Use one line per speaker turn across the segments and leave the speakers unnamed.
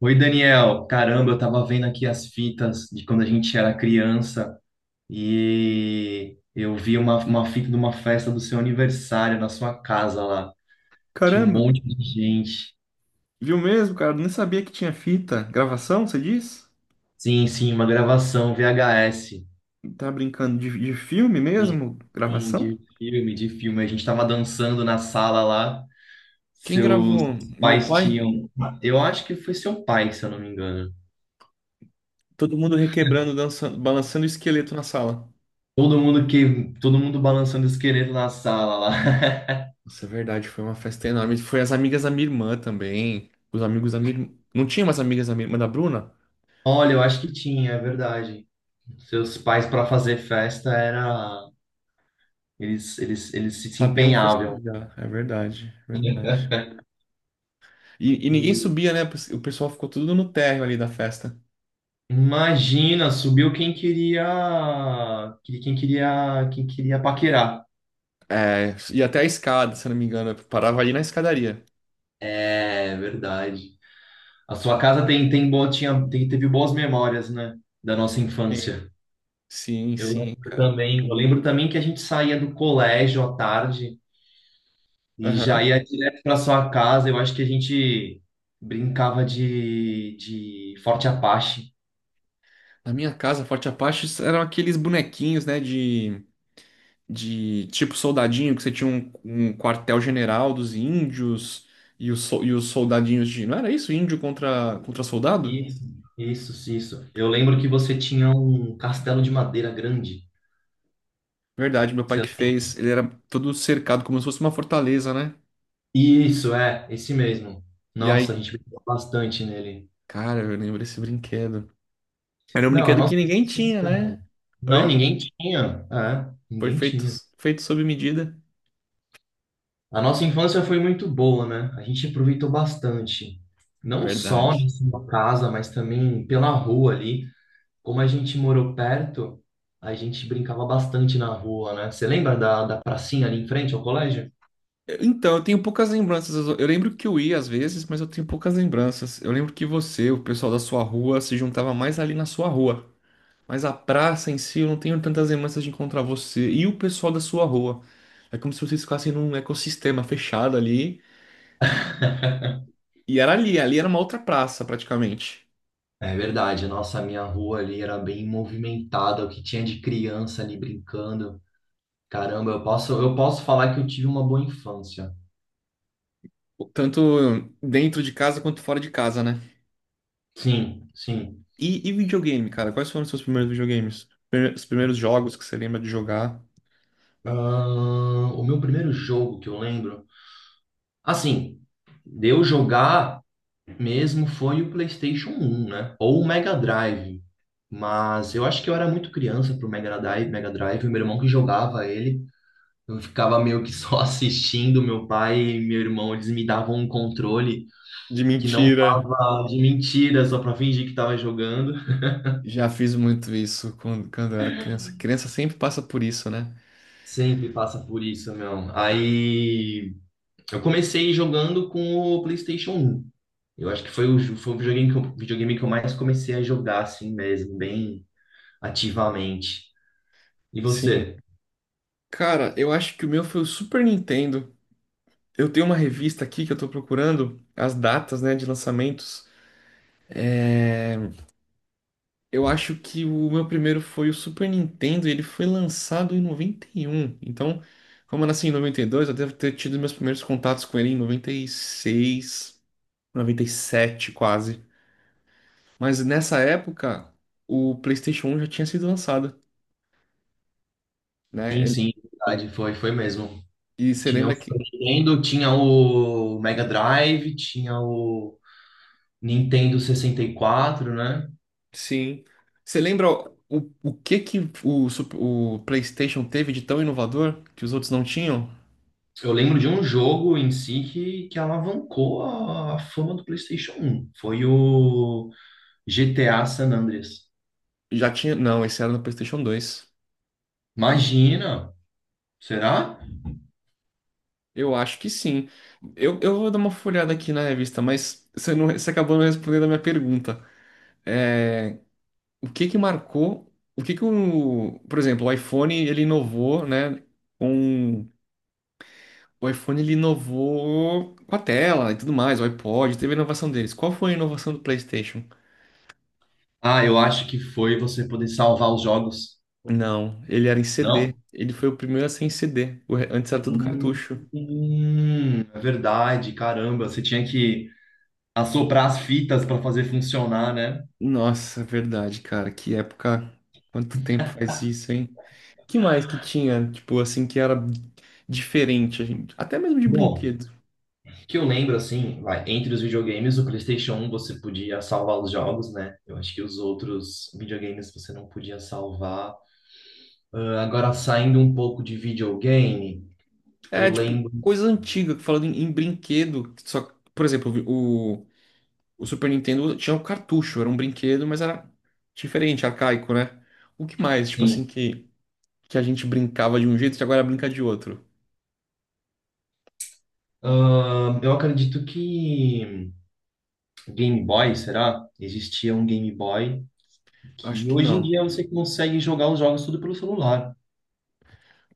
Oi, Daniel. Caramba, eu tava vendo aqui as fitas de quando a gente era criança e eu vi uma fita de uma festa do seu aniversário na sua casa lá. Tinha um
Caramba,
monte de gente.
viu mesmo, cara? Eu nem sabia que tinha fita. Gravação, você diz?
Sim, sim, uma gravação VHS.
Tá brincando de filme
Sim,
mesmo?
sim,
Gravação?
de filme. A gente tava dançando na sala lá.
Quem
Seus
gravou? Meu
pais
pai?
tinham. Eu acho que foi seu pai, se eu não me engano.
Todo mundo requebrando, dançando, balançando o esqueleto na sala.
Todo mundo balançando esqueleto na sala lá.
Nossa, é verdade, foi uma festa enorme. Foi as amigas da minha irmã também. Os amigos da minha irmã. Não tinha mais amigas da minha irmã da Bruna?
Olha, eu acho que tinha, é verdade. Seus pais para fazer festa era eles se
Sabiam
empenhavam.
festejar, é verdade, é verdade. E ninguém
E
subia, né? O pessoal ficou tudo no térreo ali da festa.
imagina, subiu quem queria quem queria paquerar.
É, e até a escada, se eu não me engano, parava ali na escadaria.
É verdade. A sua casa tem tem bo- tinha tem- teve boas memórias, né, da nossa
Sim.
infância.
Sim,
Eu
sim,
lembro
cara.
também, eu lembro também que a gente saía do colégio à tarde e já
Aham.
ia direto para sua casa. Eu acho que a gente brincava de Forte Apache.
Na minha casa, Forte Apache eram aqueles bonequinhos, né, de tipo soldadinho, que você tinha um quartel-general dos índios e e os soldadinhos de. Não era isso? Índio contra soldado?
Isso, isso, isso. Eu lembro que você tinha um castelo de madeira grande.
Verdade, meu pai que
Você-
fez. Ele era todo cercado, como se fosse uma fortaleza, né?
Isso, é, esse mesmo.
E
Nossa, a
aí,
gente brincou bastante nele.
cara, eu lembro desse brinquedo. Era um
Não, a
brinquedo
nossa
que ninguém tinha,
infância-
né?
Não,
Oi?
ninguém tinha. É,
Foi
ninguém
feito,
tinha.
feito sob medida.
A nossa infância foi muito boa, né? A gente aproveitou bastante. Não só na
Verdade.
sua casa, mas também pela rua ali. Como a gente morou perto, a gente brincava bastante na rua, né? Você lembra da pracinha ali em frente ao colégio?
Então, eu tenho poucas lembranças. Eu lembro que eu ia às vezes, mas eu tenho poucas lembranças. Eu lembro que você, o pessoal da sua rua, se juntava mais ali na sua rua. Mas a praça em si, eu não tenho tantas lembranças de encontrar você e o pessoal da sua rua. É como se vocês ficassem num ecossistema fechado ali. E era ali, ali era uma outra praça, praticamente.
É verdade, nossa, a minha rua ali era bem movimentada, o que tinha de criança ali brincando. Caramba, eu posso falar que eu tive uma boa infância.
Tanto dentro de casa quanto fora de casa, né?
Sim, sim.
E videogame, cara? Quais foram os seus primeiros videogames? Os primeiros jogos que você lembra de jogar?
O meu primeiro jogo que eu lembro, assim, de eu jogar mesmo foi o PlayStation 1, né? Ou o Mega Drive. Mas eu acho que eu era muito criança pro Mega Drive, o meu irmão que jogava ele. Eu ficava meio que só assistindo, meu pai e meu irmão, eles me davam um controle
De
que não
mentira.
tava de mentira, só pra fingir que tava jogando.
Já fiz muito isso quando eu era criança. Criança sempre passa por isso, né?
Sempre passa por isso, meu. Aí eu comecei jogando com o PlayStation um. Eu acho que foi foi o videogame que videogame que eu mais comecei a jogar assim mesmo, bem ativamente. E
Sim.
você?
Cara, eu acho que o meu foi o Super Nintendo. Eu tenho uma revista aqui que eu tô procurando as datas, né, de lançamentos. É, eu acho que o meu primeiro foi o Super Nintendo e ele foi lançado em noventa e um. Então, como eu nasci em 92, eu devo ter tido meus primeiros contatos com ele em noventa noventa e seis, noventa e sete quase. Mas nessa época, o PlayStation 1 já tinha sido lançado, né?
Sim, sim, verdade, foi, foi mesmo.
E você
Tinha
lembra
o Super
que...
Nintendo, tinha o Mega Drive, tinha o Nintendo 64, né?
Sim. Você lembra o que que o, Sup- o PlayStation teve de tão inovador que os outros não tinham?
Eu lembro de um jogo em si que alavancou a fama do PlayStation um. Foi o GTA San Andreas.
Já tinha? Não, esse era no PlayStation 2.
Imagina! Será?
Eu acho que sim. Eu vou dar uma folhada aqui na revista, mas você, não, você acabou não respondendo a minha pergunta. É, o que que marcou? O que que por exemplo, o iPhone ele inovou, né? Com o iPhone ele inovou com a tela e tudo mais, o iPod, teve a inovação deles. Qual foi a inovação do PlayStation?
Ah, eu acho que foi você poder salvar os jogos.
Não, ele era em CD.
Não?
Ele foi o primeiro a ser em CD. Antes era tudo cartucho.
É verdade, caramba. Você tinha que assoprar as fitas para fazer funcionar, né?
Nossa, verdade, cara. Que época. Quanto tempo faz isso, hein? Que mais que tinha, tipo, assim, que era diferente, a gente? Até mesmo de
Bom,
brinquedo.
que eu lembro assim, vai, entre os videogames, o PlayStation um você podia salvar os jogos, né? Eu acho que os outros videogames você não podia salvar. Ah, agora, saindo um pouco de videogame, eu
É, tipo,
lembro.
coisa antiga, falando em brinquedo. Só, por exemplo, o Super Nintendo tinha um cartucho, era um brinquedo, mas era diferente, arcaico, né? O que mais, tipo
Sim.
assim, que a gente brincava de um jeito e agora brinca de outro?
Eu acredito que Game Boy, será? Existia um Game Boy
Acho
que
que
hoje em
não.
dia você consegue jogar os jogos tudo pelo celular.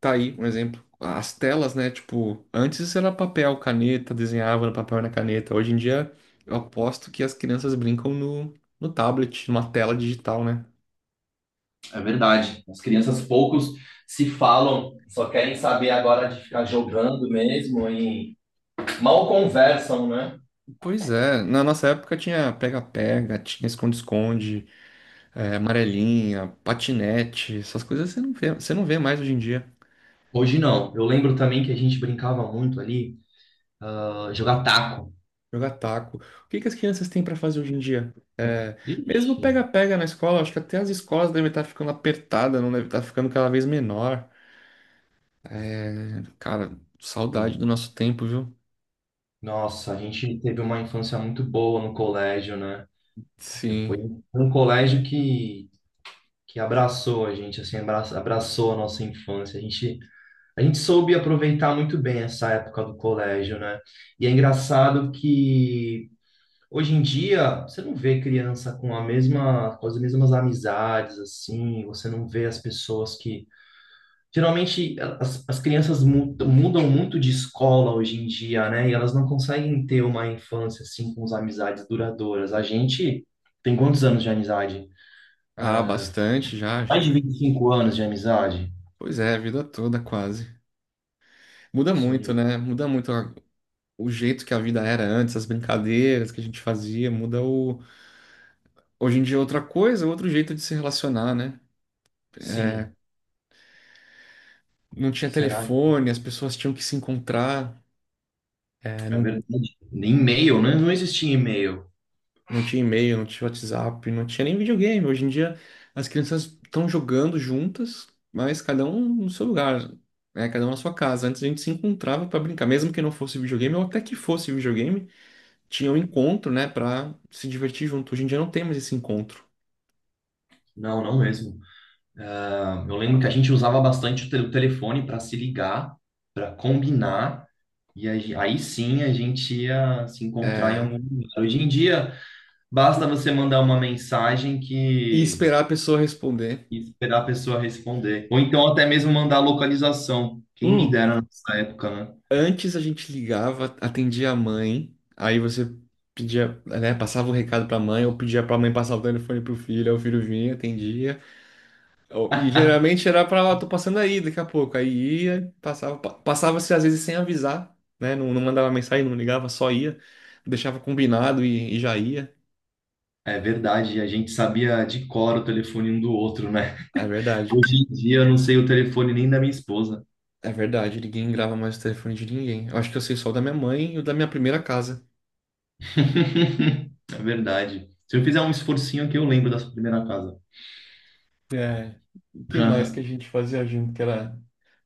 Tá aí um exemplo. As telas, né? Tipo, antes era papel, caneta, desenhava no papel e na caneta. Hoje em dia, eu aposto que as crianças brincam no tablet, numa tela digital, né?
É verdade. As crianças poucos se falam, só querem saber agora de ficar jogando mesmo e mal conversam, né?
Pois é, na nossa época tinha pega-pega, tinha esconde-esconde, é, amarelinha, patinete, essas coisas você não vê mais hoje em dia.
Hoje não. Eu lembro também que a gente brincava muito ali, ah, jogar taco.
Jogar taco. O que que as crianças têm para fazer hoje em dia? É, mesmo
Ixi.
pega-pega na escola, acho que até as escolas devem estar ficando apertadas, não deve estar ficando cada vez menor. Cara, saudade do nosso tempo, viu?
Nossa, a gente teve uma infância muito boa no colégio, né? Foi
Sim.
um colégio que abraçou a nossa infância. A gente soube aproveitar muito bem essa época do colégio, né? E é engraçado que hoje em dia você não vê criança com as mesmas amizades, assim, você não vê as pessoas que... Geralmente as crianças mudam muito de escola hoje em dia, né? E elas não conseguem ter uma infância assim com as amizades duradouras. A gente tem quantos anos de amizade?
Ah, bastante já.
Mais de 25 anos de amizade?
Pois é, a vida toda quase. Muda muito,
Sim,
né? O jeito que a vida era antes, as brincadeiras que a gente fazia, muda o. Hoje em dia é outra coisa, outro jeito de se relacionar, né? É,
sim.
não tinha
Será? Que
telefone, as pessoas tinham que se encontrar, é,
é
não
verdade. Nem e-mail, né? Não existia e-mail.
Não tinha e-mail, não tinha WhatsApp, não tinha nem videogame. Hoje em dia as crianças estão jogando juntas, mas cada um no seu lugar, né? Cada um na sua casa. Antes a gente se encontrava para brincar, mesmo que não fosse videogame, ou até que fosse videogame, tinha um encontro, né, para se divertir junto. Hoje em dia não tem mais esse encontro.
Não, não mesmo. Ah, eu lembro que a gente usava bastante o telefone para se ligar, para combinar, e a aí sim a gente ia se encontrar em
É,
algum lugar. Hoje em dia. Basta você mandar uma mensagem
e
que...
esperar a pessoa responder.
e esperar a pessoa responder. Ou então até mesmo mandar a localização. Quem me
Hum,
dera nessa época, né?
antes a gente ligava, atendia a mãe, aí você pedia, né, passava o recado para a mãe, ou pedia para a mãe passar o telefone pro filho, aí o filho vinha, atendia. Ó, e geralmente era pra lá, tô passando aí daqui a pouco. Aí ia, passava, passava-se às vezes sem avisar, né? Não, não mandava mensagem, não ligava, só ia, deixava combinado e já ia.
É verdade, a gente sabia de cor o telefone um do outro, né?
É verdade,
Hoje em dia eu não sei o telefone nem da minha esposa.
é verdade. Ninguém grava mais o telefone de ninguém. Eu acho que eu sei só o da minha mãe e o da minha primeira casa.
É verdade. Se eu fizer um esforcinho aqui, eu lembro da sua primeira casa.
É, o que mais que a gente fazia junto? Que era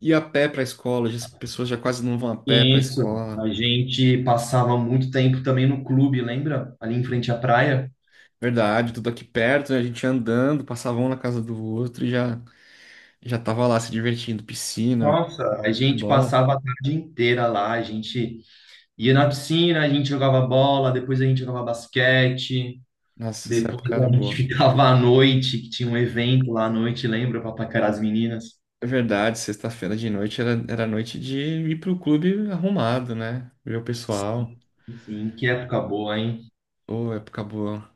ir a pé pra escola, as pessoas já quase não vão a pé pra
Isso.
escola.
A gente passava muito tempo também no clube, lembra? Ali em frente à praia.
Verdade, tudo aqui perto, né? A gente ia andando, passava um na casa do outro e já tava lá se divertindo, piscina.
Nossa. A gente
Bom,
passava a tarde inteira lá. A gente ia na piscina, a gente jogava bola, depois a gente jogava basquete,
nossa, essa
depois
época era
a gente
boa.
ficava à noite, que tinha um evento lá à noite, lembra, para paquerar as meninas?
É verdade, sexta-feira de noite era noite de ir pro clube arrumado, né? Ver o pessoal.
Sim, que época boa, hein?
Ô, época boa.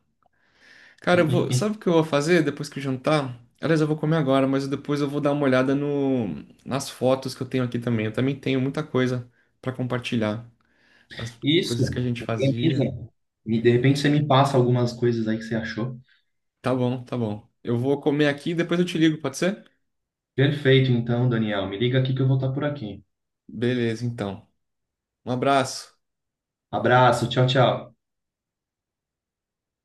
Cara, eu vou, sabe o que eu vou fazer depois que eu jantar? Aliás, eu vou comer agora, mas depois eu vou dar uma olhada no, nas fotos que eu tenho aqui também. Eu também tenho muita coisa pra compartilhar. As coisas que a
Isso,
gente
organiza.
fazia.
E de repente você me passa algumas coisas aí que você achou.
Tá bom, tá bom. Eu vou comer aqui e depois eu te ligo, pode ser?
Perfeito, então, Daniel, me liga aqui que eu vou estar por aqui.
Beleza, então. Um abraço.
Abraço, tchau, tchau.